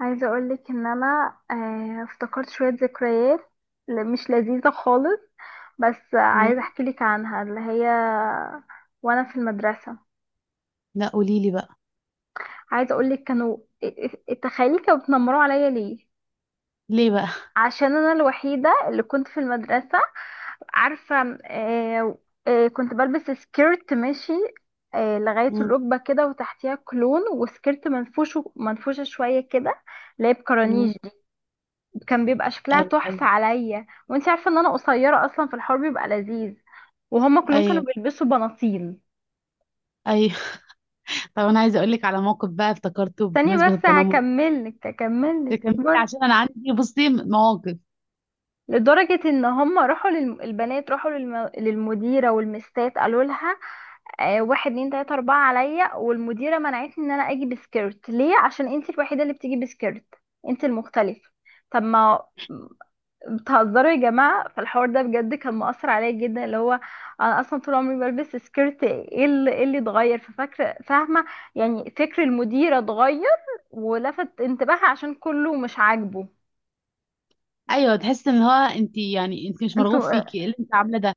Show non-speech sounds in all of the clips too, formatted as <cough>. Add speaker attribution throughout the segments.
Speaker 1: عايزة اقولك ان انا افتكرت شوية ذكريات مش لذيذة خالص. بس عايزة
Speaker 2: مم؟
Speaker 1: احكي لك عنها، اللي هي وانا في المدرسة.
Speaker 2: لا، قولي لي بقى.
Speaker 1: عايزة اقولك كانوا، ا- تخيلي كانوا بيتنمروا عليا. ليه؟
Speaker 2: ليه بقى؟
Speaker 1: عشان انا الوحيدة اللي كنت في المدرسة، عارفة، كنت بلبس سكيرت ماشي، لغاية
Speaker 2: مم.
Speaker 1: الركبة كده، وتحتيها كلون، وسكيرت منفوشة شوية كده، اللي هي
Speaker 2: مم.
Speaker 1: بكرانيج. كان بيبقى شكلها
Speaker 2: ايوه ايوه.
Speaker 1: تحفة عليا، وانت عارفة ان انا قصيرة اصلا، في الحوار بيبقى لذيذ. وهما كلهم كانوا
Speaker 2: ايوه
Speaker 1: بيلبسوا بناطيل.
Speaker 2: ايوه. <laughs> طب انا عايزه اقول لك على موقف بقى افتكرته
Speaker 1: ثانية
Speaker 2: بمناسبه
Speaker 1: بس،
Speaker 2: التنمر.
Speaker 1: هكملك
Speaker 2: تكملي
Speaker 1: اصبر.
Speaker 2: عشان انا عندي، بصي، مواقف.
Speaker 1: لدرجة ان هما البنات راحوا للمديرة والمستات قالوا لها آه واحد اتنين تلاتة اربعة عليا، والمديرة منعتني ان انا اجي بسكيرت. ليه؟ عشان انت الوحيدة اللي بتيجي بسكيرت، انت المختلفة. طب ما بتهزروا يا جماعة، فالحوار ده بجد كان مؤثر عليا جدا، اللي هو انا اصلا طول عمري بلبس سكيرت، ايه اللي إيه اللي اتغير؟ ففاكرة، فاهمة يعني، فكر المديرة اتغير ولفت انتباهها عشان كله مش عاجبه.
Speaker 2: ايوه، تحس ان هو انت، يعني انت مش مرغوب
Speaker 1: انتوا،
Speaker 2: فيكي، إيه اللي انت عامله ده،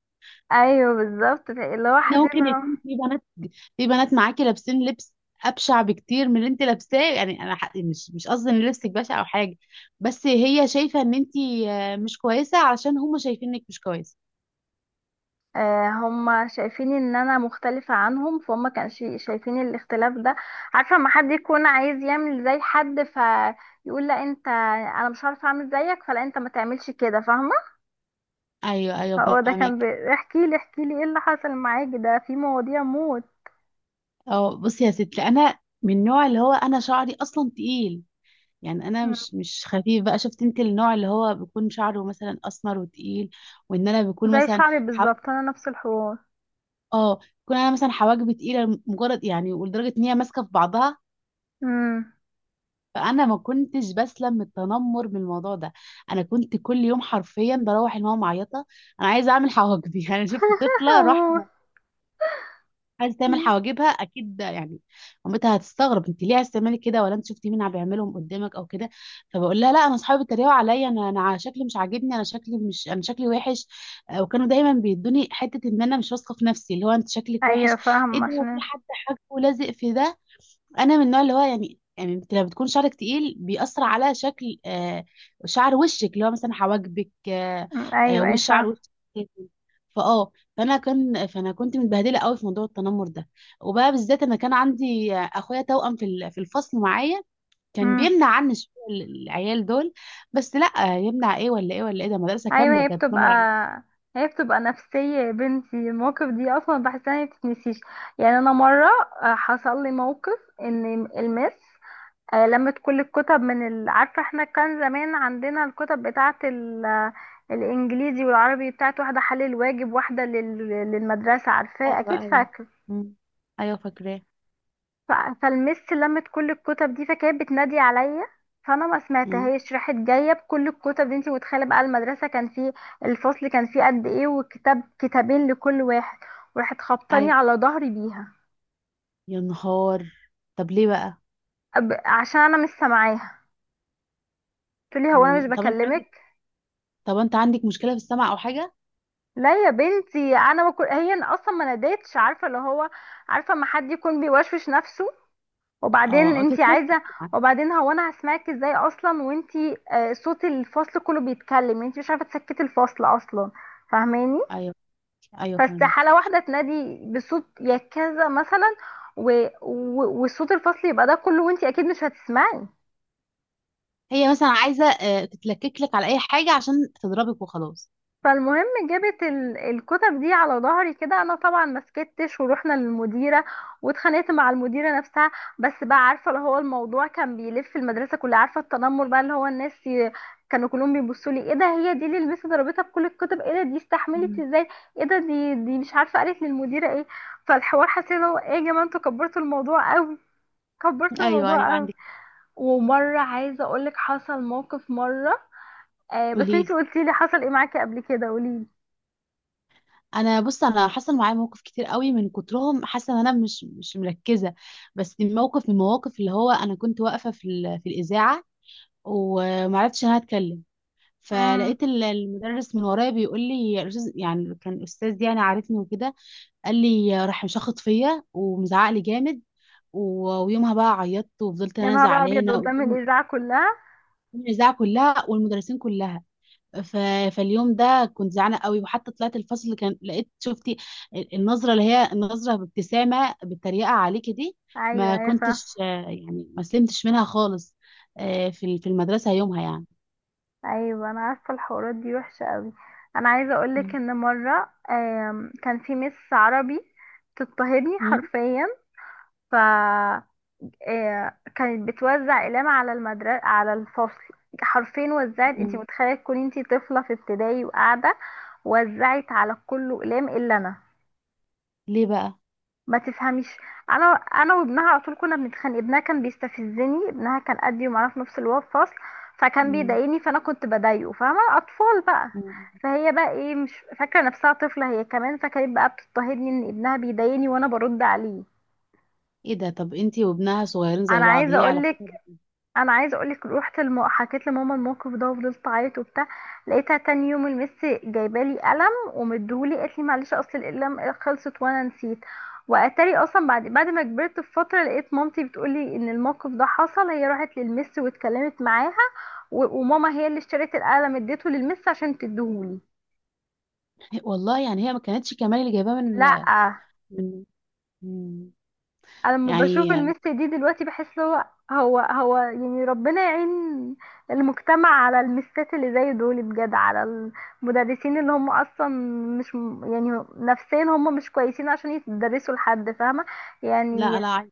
Speaker 1: ايوه بالظبط، اللي هو
Speaker 2: ان
Speaker 1: حسيت اللي
Speaker 2: ممكن
Speaker 1: هو
Speaker 2: يكون في بنات معاكي لابسين لبس ابشع بكتير من اللي انت لابساه، يعني انا مش قصدي ان لبسك بشع او حاجه، بس هي شايفه ان انت مش كويسه علشان هم شايفينك مش كويسه.
Speaker 1: هم شايفين ان انا مختلفة عنهم، فهم كانوا شايفين الاختلاف ده. عارفة لما حد يكون عايز يعمل زي حد، فيقول لا انت، انا مش عارفة اعمل زيك، فلا انت ما تعملش كده، فاهمة.
Speaker 2: ايوه ايوه،
Speaker 1: هو ده
Speaker 2: فاهمك.
Speaker 1: كان بي... احكي لي احكي لي ايه اللي حصل معاك، ده في مواضيع موت.
Speaker 2: اه، بصي يا ستي، انا من النوع اللي هو انا شعري اصلا تقيل، يعني انا
Speaker 1: مم.
Speaker 2: مش خفيف بقى. شفت انت النوع اللي هو بيكون شعره مثلا اسمر وتقيل، وان انا بيكون
Speaker 1: زي
Speaker 2: مثلا
Speaker 1: شعري
Speaker 2: حو...
Speaker 1: بالظبط، انا نفس الحوار.
Speaker 2: اه، بيكون انا مثلا حواجبي تقيله مجرد، يعني، ولدرجه ان هي ماسكه في بعضها.
Speaker 1: امم.
Speaker 2: فانا ما كنتش بسلم من التنمر من الموضوع ده. انا كنت كل يوم حرفيا بروح الماما معيطه: انا عايزه اعمل حواجبي. <laughs> يعني شفت
Speaker 1: <laughs>
Speaker 2: طفله راح
Speaker 1: اموت.
Speaker 2: عايزه تعمل
Speaker 1: مم.
Speaker 2: حواجبها، اكيد ده يعني مامتها هتستغرب، انت ليه عايزه تعملي كده، ولا انت شفتي مين عم بيعملهم قدامك او كده. فبقول لها لا، انا اصحابي بيتريقوا عليا، انا على شكلي مش عاجبني، انا شكلي مش انا شكلي وحش. وكانوا دايما بيدوني حته ان انا مش واثقه في نفسي، اللي هو انت شكلك
Speaker 1: ايوه
Speaker 2: وحش، ايه
Speaker 1: فاهم
Speaker 2: ده، هو في
Speaker 1: عشان.
Speaker 2: حد حاجه ولازق في ده. انا من النوع اللي هو، يعني انت لما بتكون شعرك تقيل بيأثر على شكل، شعر وشك، اللي هو مثلا حواجبك
Speaker 1: مم. ايوه ايوه
Speaker 2: والشعر
Speaker 1: فاهم.
Speaker 2: وشك كتل. فاه فانا كنت متبهدله قوي في موضوع التنمر ده. وبقى بالذات، انا كان عندي اخويا توأم في في الفصل معايا، كان
Speaker 1: مم.
Speaker 2: بيمنع عني شوية العيال دول، بس لا يمنع ايه ولا ايه ولا ايه، ده مدرسه
Speaker 1: ايوه،
Speaker 2: كامله
Speaker 1: هي
Speaker 2: كانت
Speaker 1: بتبقى،
Speaker 2: تنمر عليا.
Speaker 1: هي بتبقى نفسية يا بنتي، المواقف دي اصلا بحسها ما بتتنسيش. يعني انا مرة، حصل لي موقف ان المس، لمت كل الكتب عارفة احنا كان زمان عندنا الكتب الإنجليزي والعربي، بتاعت واحدة حل الواجب، واحدة للمدرسة، عارفاه
Speaker 2: ايوه
Speaker 1: أكيد
Speaker 2: ايوه.
Speaker 1: فاكر.
Speaker 2: مم. ايوه، فاكراه.
Speaker 1: ف... فالمس لمت كل الكتب دي، فكانت بتنادي عليا، فأنا ما
Speaker 2: مم.
Speaker 1: سمعتهاش، راحت جاية بكل الكتب دي. انتي متخيلة بقى، المدرسة كان فيه، الفصل كان فيه قد ايه؟ وكتاب كتابين لكل واحد، وراحت خبطاني
Speaker 2: ايوه،
Speaker 1: على ظهري بيها.
Speaker 2: يا نهار. طب ليه بقى؟
Speaker 1: عشان أنا مش سامعاها، قلت لي هو أنا مش
Speaker 2: مم.
Speaker 1: بكلمك؟
Speaker 2: طب انت عندك مشكله في السمع او حاجه؟
Speaker 1: لا يا بنتي، انا ما كن... هي أنا اصلا ما ناديتش، عارفه اللي هو، عارفه ما حد يكون بيوشوش نفسه؟ وبعدين
Speaker 2: اه،
Speaker 1: انتي
Speaker 2: تتلكك
Speaker 1: عايزه،
Speaker 2: يعني.
Speaker 1: وبعدين هو انا هسمعك ازاي اصلا وانتي آه صوت الفصل كله بيتكلم، انتي مش عارفه تسكتي الفصل اصلا، فاهماني؟
Speaker 2: ايوه ايوه، فاهمك.
Speaker 1: فاستحاله واحده تنادي بصوت يا كذا مثلا، وصوت الفصل يبقى ده كله، وانتي اكيد مش هتسمعي.
Speaker 2: هي مثلا عايزه تتلكك لك على اي حاجه عشان تضربك وخلاص.
Speaker 1: فالمهم جابت الكتب دي على ظهري كده، انا طبعا ما سكتش، ورحنا للمديره، واتخانقت مع المديره نفسها. بس بقى، عارفه اللي هو الموضوع كان بيلف المدرسه كلها، عارفه؟ التنمر بقى، اللي هو كانوا كلهم بيبصوا لي، ايه ده، هي دي اللي المس ضربتها بكل الكتب؟ ايه ده، دي استحملت
Speaker 2: مم.
Speaker 1: ازاي؟ ايه ده، دي مش عارفه قالت للمديره ايه. فالحوار حسيت اللي هو ايه يا جماعه، انتوا كبرتوا الموضوع قوي، كبرتوا
Speaker 2: ايوه ايوه،
Speaker 1: الموضوع قوي.
Speaker 2: عندك.
Speaker 1: ومره عايزه اقولك حصل موقف مره، آه بس
Speaker 2: قولي لي.
Speaker 1: انتي قلتيلي حصل ايه معاكي قبل كده، قوليلي.
Speaker 2: انا، بص، انا حصل معايا موقف كتير قوي من كترهم، حاسه ان انا مش مركزه، بس موقف من المواقف، اللي هو انا كنت واقفه في في الاذاعه ومعرفتش ان انا اتكلم.
Speaker 1: مم.
Speaker 2: فلقيت المدرس من ورايا بيقول لي يا يعني كان استاذ، يعني عارفني وكده، قال لي، راح مشخط فيا ومزعق لي جامد. ويومها بقى عيطت، وفضلت
Speaker 1: يا
Speaker 2: انا
Speaker 1: نهار ابيض،
Speaker 2: زعلانه قدام
Speaker 1: قدام الاذاعه كلها!
Speaker 2: الاذاعه كلها والمدرسين كلها. ف... فاليوم ده كنت زعلانه قوي، وحتى طلعت الفصل كان لقيت شفتي النظره، اللي هي النظره بابتسامه بالتريقه عليكي دي.
Speaker 1: ايوه
Speaker 2: ما
Speaker 1: ايوه فا-.
Speaker 2: كنتش يعني، ما سلمتش منها خالص، في في المدرسه يومها يعني.
Speaker 1: ايوه انا عارفه، الحوارات دي وحشه قوي. انا عايزه اقولك
Speaker 2: مم.
Speaker 1: ان مره، كان في مس عربي بتضطهدني
Speaker 2: مم.
Speaker 1: حرفيا. ف كانت بتوزع اقلام على المدرسه، على الفصل حرفيا، وزعت، انتي
Speaker 2: مم.
Speaker 1: متخيله تكوني انتي طفله في ابتدائي وقاعده، وزعت على كله اقلام الا انا.
Speaker 2: ليه بقى؟
Speaker 1: ما تفهميش. انا، انا وابنها على طول كنا بنتخانق، ابنها كان بيستفزني، ابنها كان قدي ومعانا في نفس الفصل، فكان
Speaker 2: مم.
Speaker 1: بيضايقني فانا كنت بضايقه، فاهمه؟ اطفال بقى.
Speaker 2: مم.
Speaker 1: فهي بقى ايه، مش فاكره نفسها طفله هي كمان، فكانت بقى بتضطهدني ان ابنها بيضايقني وانا برد عليه.
Speaker 2: ايه ده؟ طب انتي وابنها صغيرين زي
Speaker 1: انا
Speaker 2: بعض،
Speaker 1: عايزه
Speaker 2: هي علاقتها.
Speaker 1: اقولك انا عايزه اقولك، روحت حكيت لماما الموقف ده، وفضلت اعيط وبتاع. لقيتها تاني يوم المس جايبالي قلم ومديهولي، قالت لي معلش اصل القلم خلصت وانا نسيت. واتاري اصلا بعد ما كبرت بفتره، لقيت مامتي بتقولي ان الموقف ده حصل، هي راحت للمس واتكلمت معاها، وماما هي اللي اشترت القلم، اديته للمس عشان تديهولي.
Speaker 2: والله يعني هي ما كانتش كمان اللي جايباه من،
Speaker 1: لا.
Speaker 2: من من-
Speaker 1: انا لما بشوف
Speaker 2: يعني.
Speaker 1: المس دي دلوقتي بحس هو، هو يعني ربنا يعين المجتمع على المسات اللي زي دول، بجد، على المدرسين اللي هم اصلا مش م- يعني نفسيا هم مش كويسين عشان يدرسوا لحد، فاهمة
Speaker 2: لا،
Speaker 1: يعني.
Speaker 2: لا،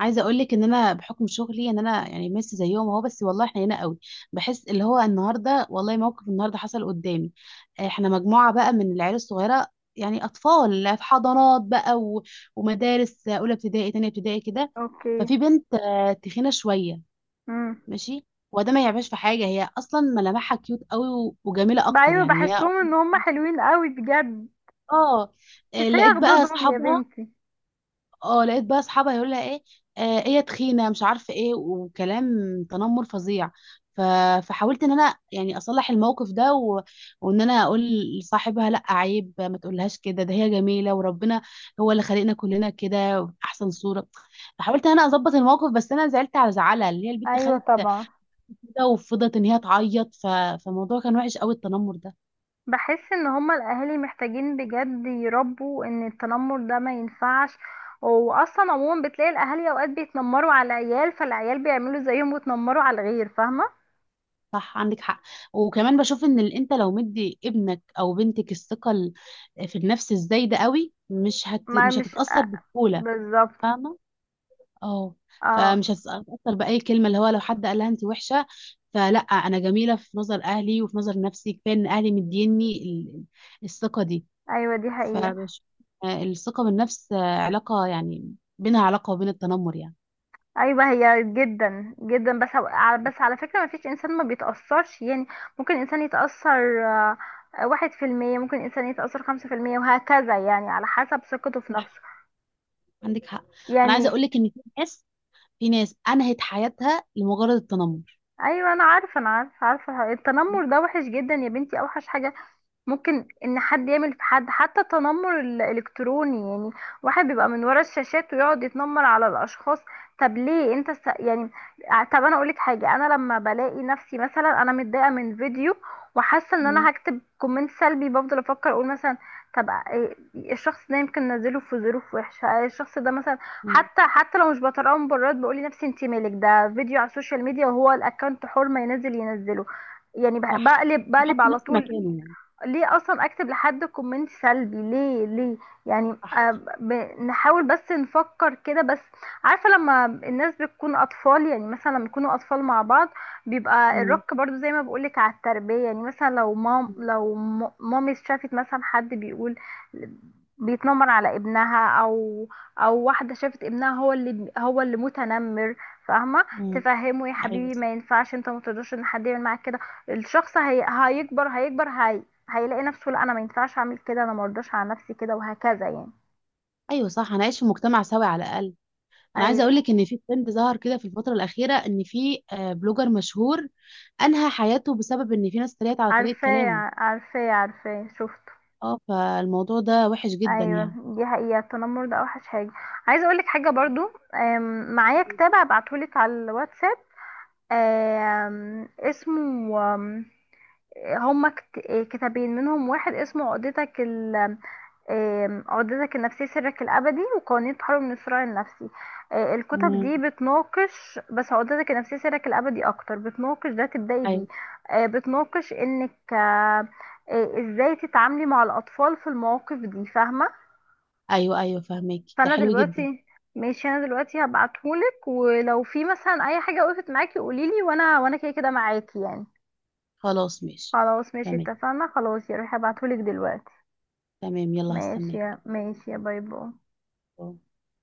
Speaker 2: عايزه اقول لك ان انا بحكم شغلي ان انا يعني ميسي زيهم اهو، بس والله احنا هنا قوي. بحس اللي هو النهارده، والله موقف النهارده حصل قدامي. احنا مجموعه بقى من العيال الصغيره، يعني اطفال في حضانات بقى، ومدارس اولى ابتدائي، تانية ابتدائي كده.
Speaker 1: اوكي.
Speaker 2: ففي بنت تخينه شويه،
Speaker 1: امم.
Speaker 2: ماشي. وده ما يعيبهاش في حاجه، هي اصلا ملامحها كيوت قوي وجميله اكتر
Speaker 1: ايوه
Speaker 2: يعني. هي
Speaker 1: بحسهم ان هم حلوين قوي بجد،
Speaker 2: اه آه،
Speaker 1: كفاية
Speaker 2: لقيت بقى
Speaker 1: خدودهم يا
Speaker 2: اصحابها
Speaker 1: بنتي.
Speaker 2: اه لقيت بقى اصحابها يقول لها ايه، هي تخينه مش عارفه ايه وكلام، تنمر فظيع. ف... فحاولت ان انا يعني اصلح الموقف ده، وان انا اقول لصاحبها لا، عيب، ما تقولهاش كده، ده هي جميله، وربنا هو اللي خلقنا كلنا كده احسن صوره. فحاولت ان انا اظبط الموقف، بس انا زعلت على زعلها، اللي هي البنت
Speaker 1: ايوه
Speaker 2: خدت
Speaker 1: طبعا.
Speaker 2: كده، وفضلت ان هي تعيط. فالموضوع كان وحش قوي التنمر ده.
Speaker 1: بحس ان هما الاهالي محتاجين بجد يربوا ان التنمر ده ما ينفعش، واصلا عموما بتلاقي الاهالي اوقات بيتنمروا على العيال، فالعيال بيعملوا زيهم ويتنمروا على الغير، فاهمه.
Speaker 2: صح، عندك حق. وكمان بشوف ان انت لو مدي ابنك او بنتك الثقه في النفس الزايده قوي
Speaker 1: ما
Speaker 2: مش
Speaker 1: مش
Speaker 2: هتتاثر
Speaker 1: آه،
Speaker 2: بسهوله،
Speaker 1: بالظبط.
Speaker 2: فاهمه. اه.
Speaker 1: اه.
Speaker 2: فمش هتتاثر باي كلمه، اللي هو لو حد قالها انت وحشه، فلا، انا جميله في نظر اهلي وفي نظر نفسي، كفايه ان اهلي مديني الثقه دي.
Speaker 1: ايوه دي حقيقه.
Speaker 2: فبشوف الثقه بالنفس، علاقه يعني بينها علاقه وبين التنمر يعني.
Speaker 1: ايوه هي جدا جدا، بس بس على فكره، ما فيش انسان ما بيتاثرش يعني، ممكن انسان يتاثر 1%، ممكن انسان يتاثر 5% وهكذا، يعني على حسب ثقته في
Speaker 2: صح،
Speaker 1: نفسه
Speaker 2: عندك حق. انا عايزه
Speaker 1: يعني.
Speaker 2: اقول لك ان في ناس انهت حياتها لمجرد التنمر.
Speaker 1: ايوه انا عارفه، انا عارفه التنمر ده وحش جدا يا بنتي، اوحش حاجه. ممكن ان حد يعمل في حد حتى التنمر الالكتروني يعني، واحد بيبقى من ورا الشاشات ويقعد يتنمر على الاشخاص. طب ليه انت يعني، طب انا اقولك حاجه، انا لما بلاقي نفسي مثلا انا متضايقه من فيديو وحاسه ان
Speaker 2: مم.
Speaker 1: انا هكتب كومنت سلبي، بفضل افكر اقول مثلا، الشخص ده يمكن نزله في ظروف وحشه، الشخص ده مثلا،
Speaker 2: مم.
Speaker 1: حتى حتى لو مش بطلعه مبررات، بقول لنفسي انت مالك، ده فيديو على السوشيال ميديا، وهو الاكونت حر، ما ينزل ينزله يعني.
Speaker 2: صح،
Speaker 1: بقلب
Speaker 2: نحط
Speaker 1: على
Speaker 2: نفسي
Speaker 1: طول.
Speaker 2: مكانه يعني.
Speaker 1: ليه اصلا اكتب لحد كومنت سلبي؟ ليه، ليه يعني؟
Speaker 2: صح.
Speaker 1: نحاول بس نفكر كده بس. عارفه لما الناس بتكون اطفال، يعني مثلا لما يكونوا اطفال مع بعض، بيبقى
Speaker 2: مم.
Speaker 1: الرك برضو زي ما بقولك على التربيه، يعني مثلا
Speaker 2: مم.
Speaker 1: لو مامي شافت مثلا حد بيقول بيتنمر على ابنها، او او واحده شافت ابنها هو اللي متنمر، فاهمه،
Speaker 2: مم.
Speaker 1: تفهمه يا
Speaker 2: ايوه
Speaker 1: حبيبي
Speaker 2: صح.
Speaker 1: ما ينفعش، انت ما تقدرش ان حد يعمل معاك كده. الشخص هيكبر، هيلاقي نفسه، لا انا ما ينفعش اعمل كده، انا ما ارضاش على نفسي كده، وهكذا يعني.
Speaker 2: ايوه صح، هنعيش في مجتمع سوي على الاقل. انا عايزه اقول
Speaker 1: ايوه،
Speaker 2: لك ان في ترند ظهر كده في الفتره الاخيره، ان في بلوجر مشهور انهى حياته بسبب ان في ناس اتريقت على طريقه
Speaker 1: عارفاه
Speaker 2: كلامه.
Speaker 1: عارفاه، شفته.
Speaker 2: اه، فالموضوع ده وحش جدا
Speaker 1: ايوه
Speaker 2: يعني.
Speaker 1: دي حقيقه، التنمر ده اوحش حاجه. عايزه اقول لك حاجه برضو. معايا كتاب هبعتهولك على الواتساب، اسمه، آم، هما كتابين، منهم واحد اسمه عقدتك، عقدتك النفسية سرك الأبدي، وقوانين تحرر من الصراع النفسي. الكتب
Speaker 2: مم.
Speaker 1: دي بتناقش، بس عقدتك النفسية سرك الأبدي أكتر بتناقش ده، تبدأي بيه.
Speaker 2: ايوه
Speaker 1: بتناقش إنك إزاي تتعاملي مع الأطفال في المواقف دي، فاهمة.
Speaker 2: ايوه. ايوه، فهمك ده
Speaker 1: فأنا
Speaker 2: حلو جدا.
Speaker 1: دلوقتي، ماشي، أنا دلوقتي هبعتهولك، ولو في مثلا أي حاجة وقفت معاكي قوليلي، وأنا كده كده معاكي يعني.
Speaker 2: خلاص ماشي.
Speaker 1: خلاص ماشي،
Speaker 2: تمام.
Speaker 1: اتفقنا، خلاص يا روحي هبعتهولك دلوقتي.
Speaker 2: تمام، يلا هستناك.
Speaker 1: ماشي، يا باي باي.
Speaker 2: أوه.